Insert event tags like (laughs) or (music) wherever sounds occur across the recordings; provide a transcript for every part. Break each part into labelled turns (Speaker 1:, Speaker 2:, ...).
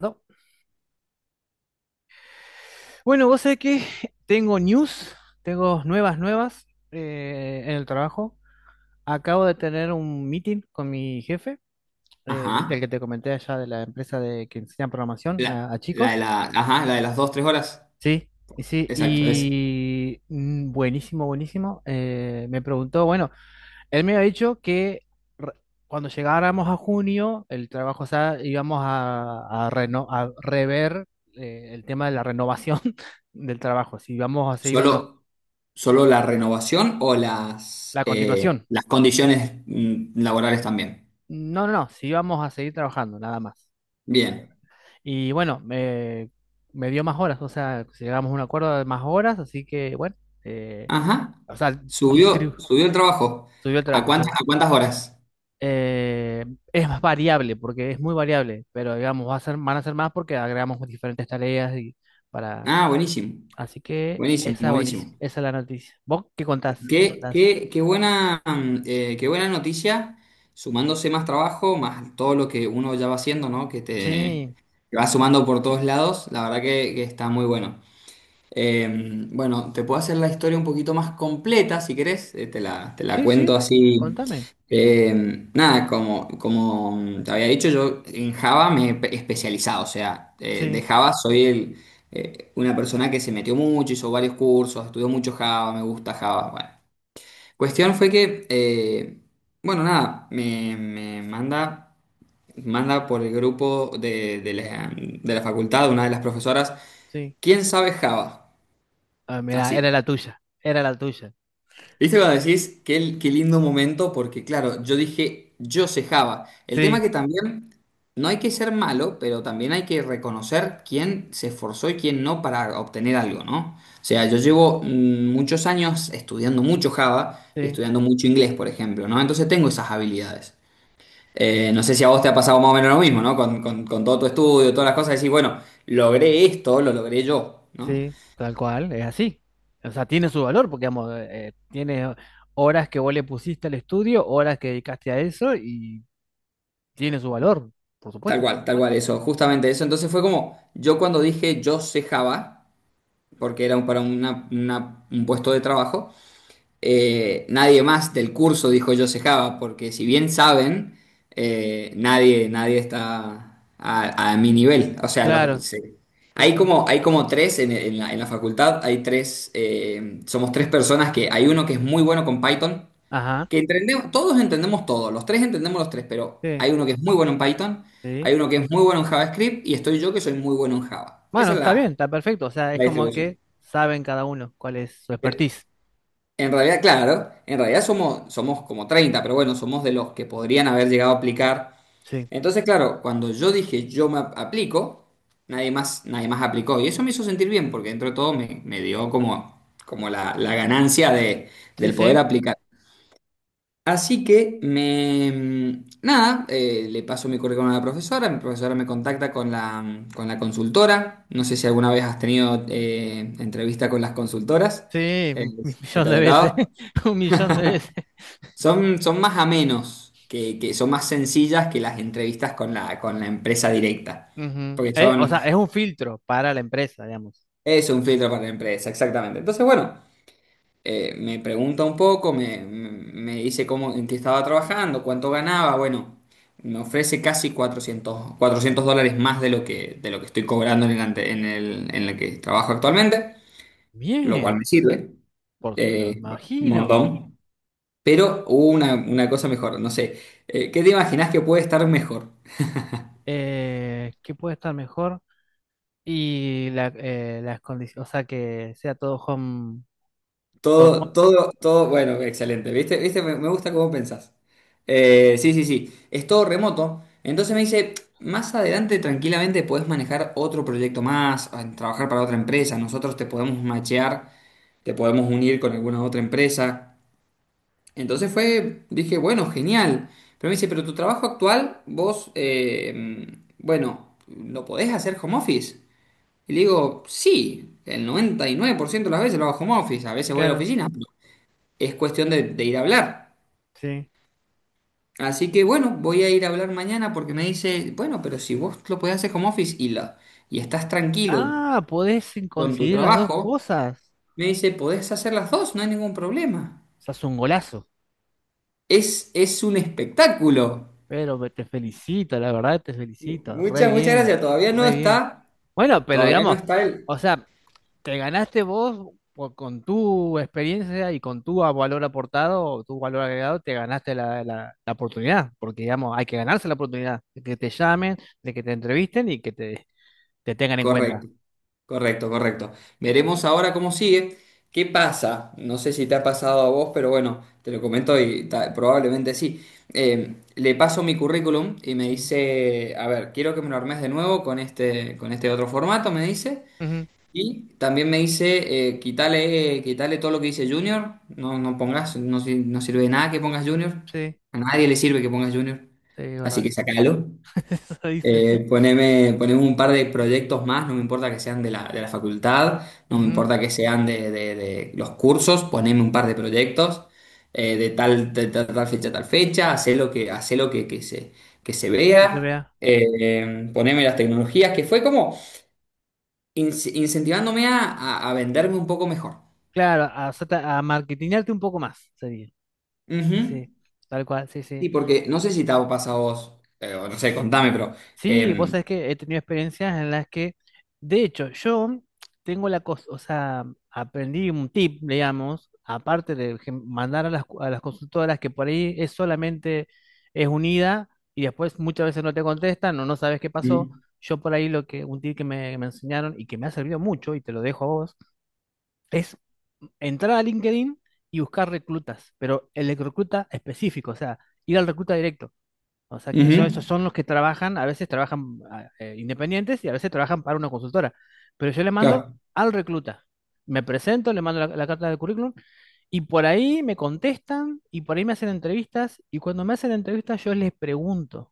Speaker 1: No. Bueno, vos sabés que tengo news, tengo nuevas, nuevas en el trabajo. Acabo de tener un meeting con mi jefe. Viste el
Speaker 2: Ajá.
Speaker 1: que te comenté allá de la empresa de que enseña programación
Speaker 2: La,
Speaker 1: a
Speaker 2: la de
Speaker 1: chicos.
Speaker 2: la, ajá, la de las dos, tres horas.
Speaker 1: Sí, y sí,
Speaker 2: Exacto, es
Speaker 1: y buenísimo, buenísimo. Me preguntó, bueno, él me había dicho que re- cuando llegáramos a junio, el trabajo, o sea, íbamos a a rever el tema de la renovación (laughs) del trabajo, si íbamos a seguir o no.
Speaker 2: solo, solo la renovación o las,
Speaker 1: La
Speaker 2: eh,
Speaker 1: continuación.
Speaker 2: las condiciones laborales también.
Speaker 1: No, no, no, si íbamos a seguir trabajando, nada más. Eso era.
Speaker 2: Bien.
Speaker 1: Y bueno, me dio más horas, o sea, llegamos a un acuerdo de más horas, así que bueno, eh,
Speaker 2: Ajá.
Speaker 1: o sea,
Speaker 2: Subió,
Speaker 1: distribu-
Speaker 2: subió el trabajo.
Speaker 1: subió el
Speaker 2: ¿A
Speaker 1: trabajo.
Speaker 2: cuántas, a cuántas horas?
Speaker 1: eh, es más variable, porque es muy variable, pero digamos, va a ser, van a ser más porque agregamos diferentes tareas y para...
Speaker 2: Ah, buenísimo.
Speaker 1: Así que
Speaker 2: Buenísimo,
Speaker 1: esa es buenísima,
Speaker 2: buenísimo.
Speaker 1: esa es la noticia. ¿Vos qué contás? ¿Qué
Speaker 2: Qué,
Speaker 1: contás?
Speaker 2: qué, qué buena, mm, eh, qué buena noticia, sumándose más trabajo, más todo lo que uno ya va haciendo, ¿no? Que te
Speaker 1: Sí,
Speaker 2: que va sumando por todos lados. La verdad que está muy bueno. Eh, bueno, te puedo hacer la historia un poquito más completa si querés, te la
Speaker 1: sí,
Speaker 2: cuento
Speaker 1: sí,
Speaker 2: así.
Speaker 1: contame.
Speaker 2: Nada, como te había dicho, yo en Java me he especializado, o sea, de
Speaker 1: Sí,
Speaker 2: Java soy el, una persona que se metió mucho, hizo varios cursos, estudió mucho Java, me gusta Java. Bueno, cuestión fue que, bueno, nada, me manda, por el grupo de, de la facultad, una de las profesoras,
Speaker 1: sí.
Speaker 2: ¿quién sabe Java?
Speaker 1: Ah, mira, era
Speaker 2: Así.
Speaker 1: la tuya, era la tuya.
Speaker 2: ¿Viste cuando decís qué lindo momento? Porque claro, yo dije, yo sé Java. El tema
Speaker 1: Sí,
Speaker 2: que también no hay que ser malo, pero también hay que reconocer quién se esforzó y quién no para obtener algo, ¿no? O sea, yo llevo muchos años estudiando mucho Java y
Speaker 1: sí,
Speaker 2: estudiando mucho inglés, por ejemplo, ¿no? Entonces tengo esas habilidades. No sé si a vos te ha pasado más o menos lo mismo, ¿no? Con todo tu estudio, todas las cosas, decís, bueno, logré esto, lo logré yo, ¿no?
Speaker 1: sí, tal cual, es así. O sea, tiene su valor porque, digamos, tiene horas que vos le pusiste al estudio, horas que dedicaste a eso y tiene su valor, por supuesto.
Speaker 2: Tal cual, eso, justamente eso. Entonces fue como, yo cuando dije yo sé Java, porque era para un puesto de trabajo, nadie más del curso dijo yo sé Java, porque si bien saben, nadie está a mi nivel. O sea,
Speaker 1: Claro. Sí,
Speaker 2: hay
Speaker 1: sí.
Speaker 2: como, hay como tres en la facultad, hay tres, somos tres personas que hay uno que es muy bueno con Python,
Speaker 1: Ajá.
Speaker 2: que entendemos, todos entendemos todo, los tres entendemos los tres, pero
Speaker 1: Sí,
Speaker 2: hay uno que es muy bueno en Python,
Speaker 1: sí.
Speaker 2: hay uno que es muy bueno en JavaScript y estoy yo que soy muy bueno en Java.
Speaker 1: Bueno,
Speaker 2: Esa es
Speaker 1: está bien,
Speaker 2: la,
Speaker 1: está perfecto. O sea, es
Speaker 2: la
Speaker 1: como que
Speaker 2: distribución.
Speaker 1: saben cada uno cuál es su
Speaker 2: Eh,
Speaker 1: expertise.
Speaker 2: En realidad, claro, en realidad somos como 30, pero bueno, somos de los que podrían haber llegado a aplicar.
Speaker 1: Sí.
Speaker 2: Entonces, claro, cuando yo dije yo me aplico, nadie más aplicó. Y eso me hizo sentir bien, porque dentro de todo me dio como la ganancia de,
Speaker 1: Sí,
Speaker 2: del poder
Speaker 1: sí.
Speaker 2: aplicar. Así que me. Nada, le paso mi currículum a la profesora, mi profesora me contacta con la consultora. No sé si alguna vez has tenido entrevista con las consultoras,
Speaker 1: Sí,
Speaker 2: eh,
Speaker 1: un (laughs)
Speaker 2: si te
Speaker 1: millón
Speaker 2: ha
Speaker 1: de veces.
Speaker 2: tocado.
Speaker 1: (laughs) Un millón de veces.
Speaker 2: Son más amenos, que son más sencillas que las entrevistas con la empresa directa,
Speaker 1: Ujú.
Speaker 2: porque
Speaker 1: O
Speaker 2: son.
Speaker 1: sea, es un filtro para la empresa, digamos.
Speaker 2: Es un filtro para la empresa, exactamente. Entonces, bueno. Me pregunta un poco, me dice cómo, en qué estaba trabajando, cuánto ganaba. Bueno, me ofrece casi 400 dólares más de lo que estoy cobrando en el, ante- en el que trabajo actualmente, lo cual
Speaker 1: Bien,
Speaker 2: me sirve
Speaker 1: pero me
Speaker 2: eh, un
Speaker 1: imagino.
Speaker 2: montón. Pero hubo una cosa mejor, no sé. ¿Qué te imaginas que puede estar mejor?
Speaker 1: ¿Qué puede estar mejor? Y las condiciones, o sea, que sea todo home, todo
Speaker 2: Todo,
Speaker 1: remoto.
Speaker 2: todo, todo, bueno, excelente. ¿Viste? ¿Viste? Me gusta cómo pensás. Sí, sí, sí. Es todo remoto. Entonces me dice, más adelante tranquilamente podés manejar otro proyecto más, trabajar para otra empresa. Nosotros te podemos machear, te podemos unir con alguna otra empresa. Entonces fue, dije, bueno, genial. Pero me dice, pero tu trabajo actual, vos, bueno, ¿lo podés hacer home office? Y le digo, sí, el 99% de las veces lo hago home office. A veces voy a la
Speaker 1: Claro,
Speaker 2: oficina, es cuestión de ir a hablar.
Speaker 1: sí.
Speaker 2: Así que bueno, voy a ir a hablar mañana porque me dice, bueno, pero si vos lo podés hacer home office y estás tranquilo
Speaker 1: Ah, podés
Speaker 2: con tu
Speaker 1: coincidir las dos
Speaker 2: trabajo,
Speaker 1: cosas.
Speaker 2: me dice, podés hacer las dos, no hay ningún problema.
Speaker 1: Estás un golazo,
Speaker 2: Es un espectáculo.
Speaker 1: pero te felicito, la verdad te felicito, re
Speaker 2: Muchas, muchas
Speaker 1: bien,
Speaker 2: gracias. Todavía no
Speaker 1: re bien.
Speaker 2: está,
Speaker 1: Bueno, pero
Speaker 2: todavía no
Speaker 1: digamos,
Speaker 2: está el.
Speaker 1: o sea, te ganaste vos con tu experiencia y con tu valor aportado, o tu valor agregado, te ganaste la oportunidad, porque digamos, hay que ganarse la oportunidad de que te llamen, de que te entrevisten y que te tengan en cuenta.
Speaker 2: Correcto. Correcto, correcto. Veremos ahora cómo sigue. ¿Qué pasa? No sé si te ha pasado a vos, pero bueno, te lo comento y probablemente sí. Le paso mi currículum y me
Speaker 1: Ujú.
Speaker 2: dice, a ver, quiero que me lo armes de nuevo con este otro formato, me dice.
Speaker 1: Ujú.
Speaker 2: Y también me dice, quítale todo lo que dice Junior. No, no pongas, no sirve de nada que pongas Junior.
Speaker 1: Sí,
Speaker 2: A nadie le sirve que pongas Junior.
Speaker 1: sí, es
Speaker 2: Así que
Speaker 1: verdad.
Speaker 2: sacalo.
Speaker 1: (laughs) Eso dicen.
Speaker 2: Poneme un par de proyectos más, no me importa que sean de la facultad, no me
Speaker 1: Ujú,
Speaker 2: importa que sean de los cursos, poneme un par de proyectos de tal, tal fecha, hacé lo que, que se
Speaker 1: que se
Speaker 2: vea,
Speaker 1: vea.
Speaker 2: poneme las tecnologías, que fue como incentivándome a venderme un poco mejor.
Speaker 1: Claro, a marketingarte un poco más, sería.
Speaker 2: Ujú.
Speaker 1: Sí, tal cual, sí,
Speaker 2: Sí,
Speaker 1: sí.
Speaker 2: porque no sé si te ha pasado a vos, o no sé, contame, pero.
Speaker 1: Sí, vos
Speaker 2: em,
Speaker 1: sabés que he tenido experiencias en las que, de hecho, yo tengo la cosa, o sea, aprendí un tip, digamos, aparte de mandar a las, a las consultoras que por ahí es solamente, es unida y después muchas veces no te contestan o no sabes qué pasó. Yo por ahí lo que, un tip que me enseñaron y que me ha servido mucho y te lo dejo a vos, es entrar a LinkedIn y buscar reclutas, pero el recluta específico, o sea, ir al recluta directo. O sea,
Speaker 2: mm,
Speaker 1: que
Speaker 2: ujú,
Speaker 1: esos son los que trabajan, a veces trabajan independientes y a veces trabajan para una consultora. Pero yo le mando
Speaker 2: claro.
Speaker 1: al recluta. Me presento, le mando la carta de currículum y por ahí me contestan y por ahí me hacen entrevistas y cuando me hacen entrevistas yo les pregunto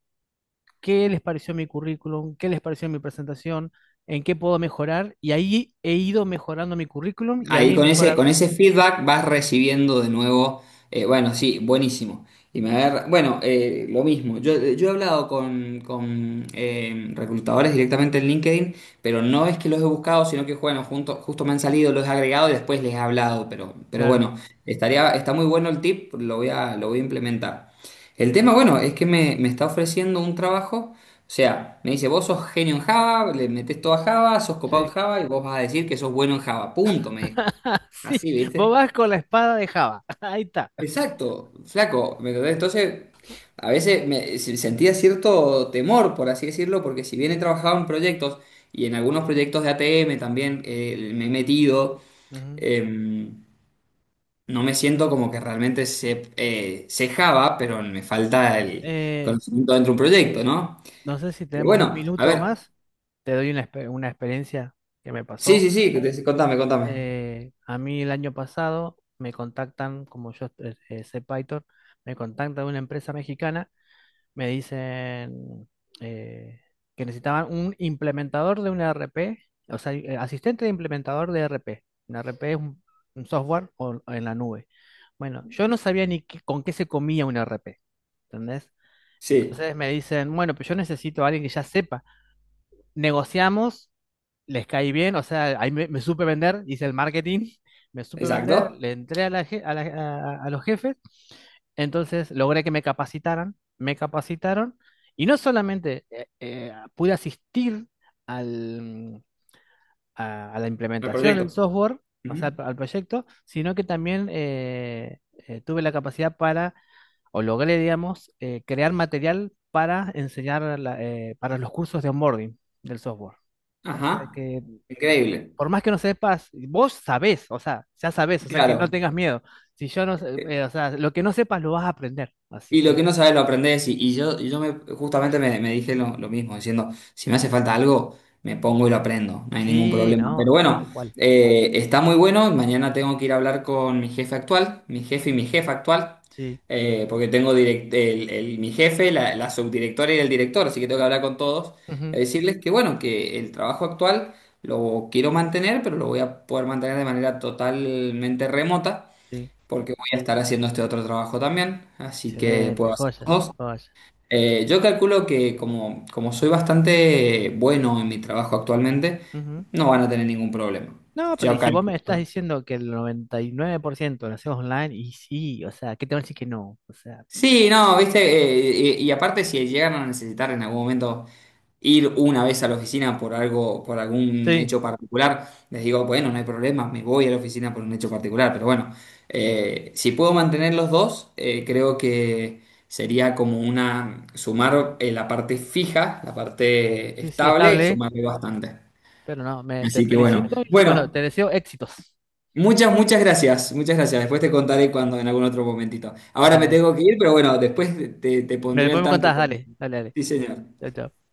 Speaker 1: qué les pareció mi currículum, qué les pareció mi presentación, en qué puedo mejorar y ahí he ido mejorando mi currículum y ahí
Speaker 2: Ahí
Speaker 1: he
Speaker 2: con
Speaker 1: mejorado.
Speaker 2: ese feedback vas recibiendo de nuevo, bueno, sí, buenísimo. Y bueno, lo mismo, yo he hablado con reclutadores directamente en LinkedIn, pero no es que los he buscado, sino que, bueno, justo me han salido, los he agregado y después les he hablado, pero
Speaker 1: Claro.
Speaker 2: bueno, estaría, está muy bueno el tip, lo voy a implementar. El tema, bueno, es que me está ofreciendo un trabajo. O sea, me dice, vos sos genio en Java, le metés todo a Java, sos copado en
Speaker 1: Sí.
Speaker 2: Java y vos vas a decir que sos bueno en Java. Punto, me dijo.
Speaker 1: (laughs) Sí,
Speaker 2: Así,
Speaker 1: vos
Speaker 2: ¿viste?
Speaker 1: vas con la espada de Java. (laughs) Ahí está.
Speaker 2: Exacto, flaco, ¿me entendés? Entonces, a veces me sentía cierto temor, por así decirlo, porque si bien he trabajado en proyectos y en algunos proyectos de ATM también me he metido,
Speaker 1: Ujú.
Speaker 2: em, no me siento como que realmente sé, sé Java, pero me falta el
Speaker 1: Eh,
Speaker 2: conocimiento dentro de un proyecto, ¿no?
Speaker 1: No sé si
Speaker 2: Pero
Speaker 1: tenemos un
Speaker 2: bueno, a
Speaker 1: minuto o
Speaker 2: ver,
Speaker 1: más. Te doy una, una experiencia que me
Speaker 2: sí,
Speaker 1: pasó.
Speaker 2: sí, sí, contame, contame.
Speaker 1: A mí el año pasado me contactan, como yo sé Python, me contactan de una empresa mexicana, me dicen eh, que necesitaban un implementador de un ERP, o sea, asistente de implementador de ERP. Un ERP es un software en la nube. Bueno, yo no sabía ni con qué se comía un ERP, ¿entendés?
Speaker 2: Sí,
Speaker 1: Entonces me dicen, bueno, pero yo necesito a alguien que ya sepa, negociamos, les caí bien, o sea, ahí me supe vender, hice el marketing, (laughs) me supe vender,
Speaker 2: exacto.
Speaker 1: le entré a, a los jefes, entonces logré que me capacitaran, me capacitaron y no solamente pude asistir al, a la
Speaker 2: El
Speaker 1: implementación del
Speaker 2: proyecto.
Speaker 1: software, o sea,
Speaker 2: Ujú.
Speaker 1: al proyecto, sino que también tuve la capacidad para, o logré, digamos, crear material para enseñar para los cursos de onboarding del software. O sea
Speaker 2: Ajá.
Speaker 1: que,
Speaker 2: Increíble.
Speaker 1: por más que no sepas, vos sabés, o sea, ya sabés, o sea que
Speaker 2: Claro.
Speaker 1: no tengas miedo. Si yo no sé, o sea, lo que no sepas lo vas a aprender. Así
Speaker 2: Y lo
Speaker 1: que,
Speaker 2: que no sabes lo aprendes. Y yo justamente me dije lo mismo, diciendo, si me hace falta algo, me pongo y lo aprendo, no hay ningún
Speaker 1: sí,
Speaker 2: problema. Pero
Speaker 1: no, tal
Speaker 2: bueno,
Speaker 1: cual,
Speaker 2: está muy bueno. Mañana tengo que ir a hablar con mi jefe actual, mi jefe y mi jefa actual,
Speaker 1: sí.
Speaker 2: porque tengo mi jefe, la subdirectora y el director, así que tengo que hablar con todos,
Speaker 1: Ujú,
Speaker 2: decirles que bueno, que el trabajo actual lo quiero mantener, pero lo voy a poder mantener de manera totalmente remota
Speaker 1: sí,
Speaker 2: porque voy a estar haciendo este otro trabajo también, así que
Speaker 1: excelente,
Speaker 2: puedo hacer
Speaker 1: joya,
Speaker 2: los dos.
Speaker 1: joya.
Speaker 2: Yo calculo que como soy bastante bueno en mi trabajo actualmente,
Speaker 1: Ujú.
Speaker 2: no van a tener ningún problema.
Speaker 1: No, pero y
Speaker 2: Yo
Speaker 1: si vos me estás
Speaker 2: calculo.
Speaker 1: diciendo que el 99% lo hacemos online, y sí, o sea, ¿qué te van a decir que no? O sea,
Speaker 2: Sí, no, viste, y aparte si llegaron a necesitar en algún momento ir una vez a la oficina por algo, por algún
Speaker 1: sí,
Speaker 2: hecho particular, les digo, bueno, no hay problema, me voy a la oficina por un hecho particular, pero bueno, si puedo mantener los dos, creo que sería como sumar, la parte fija, la parte
Speaker 1: sí, sí,
Speaker 2: estable,
Speaker 1: estable,
Speaker 2: sumarle bastante.
Speaker 1: pero no, me, te
Speaker 2: Así que bueno,
Speaker 1: felicito y bueno, te
Speaker 2: bueno.
Speaker 1: deseo éxitos.
Speaker 2: Muchas, muchas gracias, muchas gracias. Después te contaré cuando, en algún otro momentito. Ahora me
Speaker 1: Nada,
Speaker 2: tengo que ir, pero bueno, después te
Speaker 1: me,
Speaker 2: pondré
Speaker 1: después
Speaker 2: al
Speaker 1: me
Speaker 2: tanto
Speaker 1: contás,
Speaker 2: con.
Speaker 1: dale, dale, dale.
Speaker 2: Sí, señor.
Speaker 1: Chau, chau.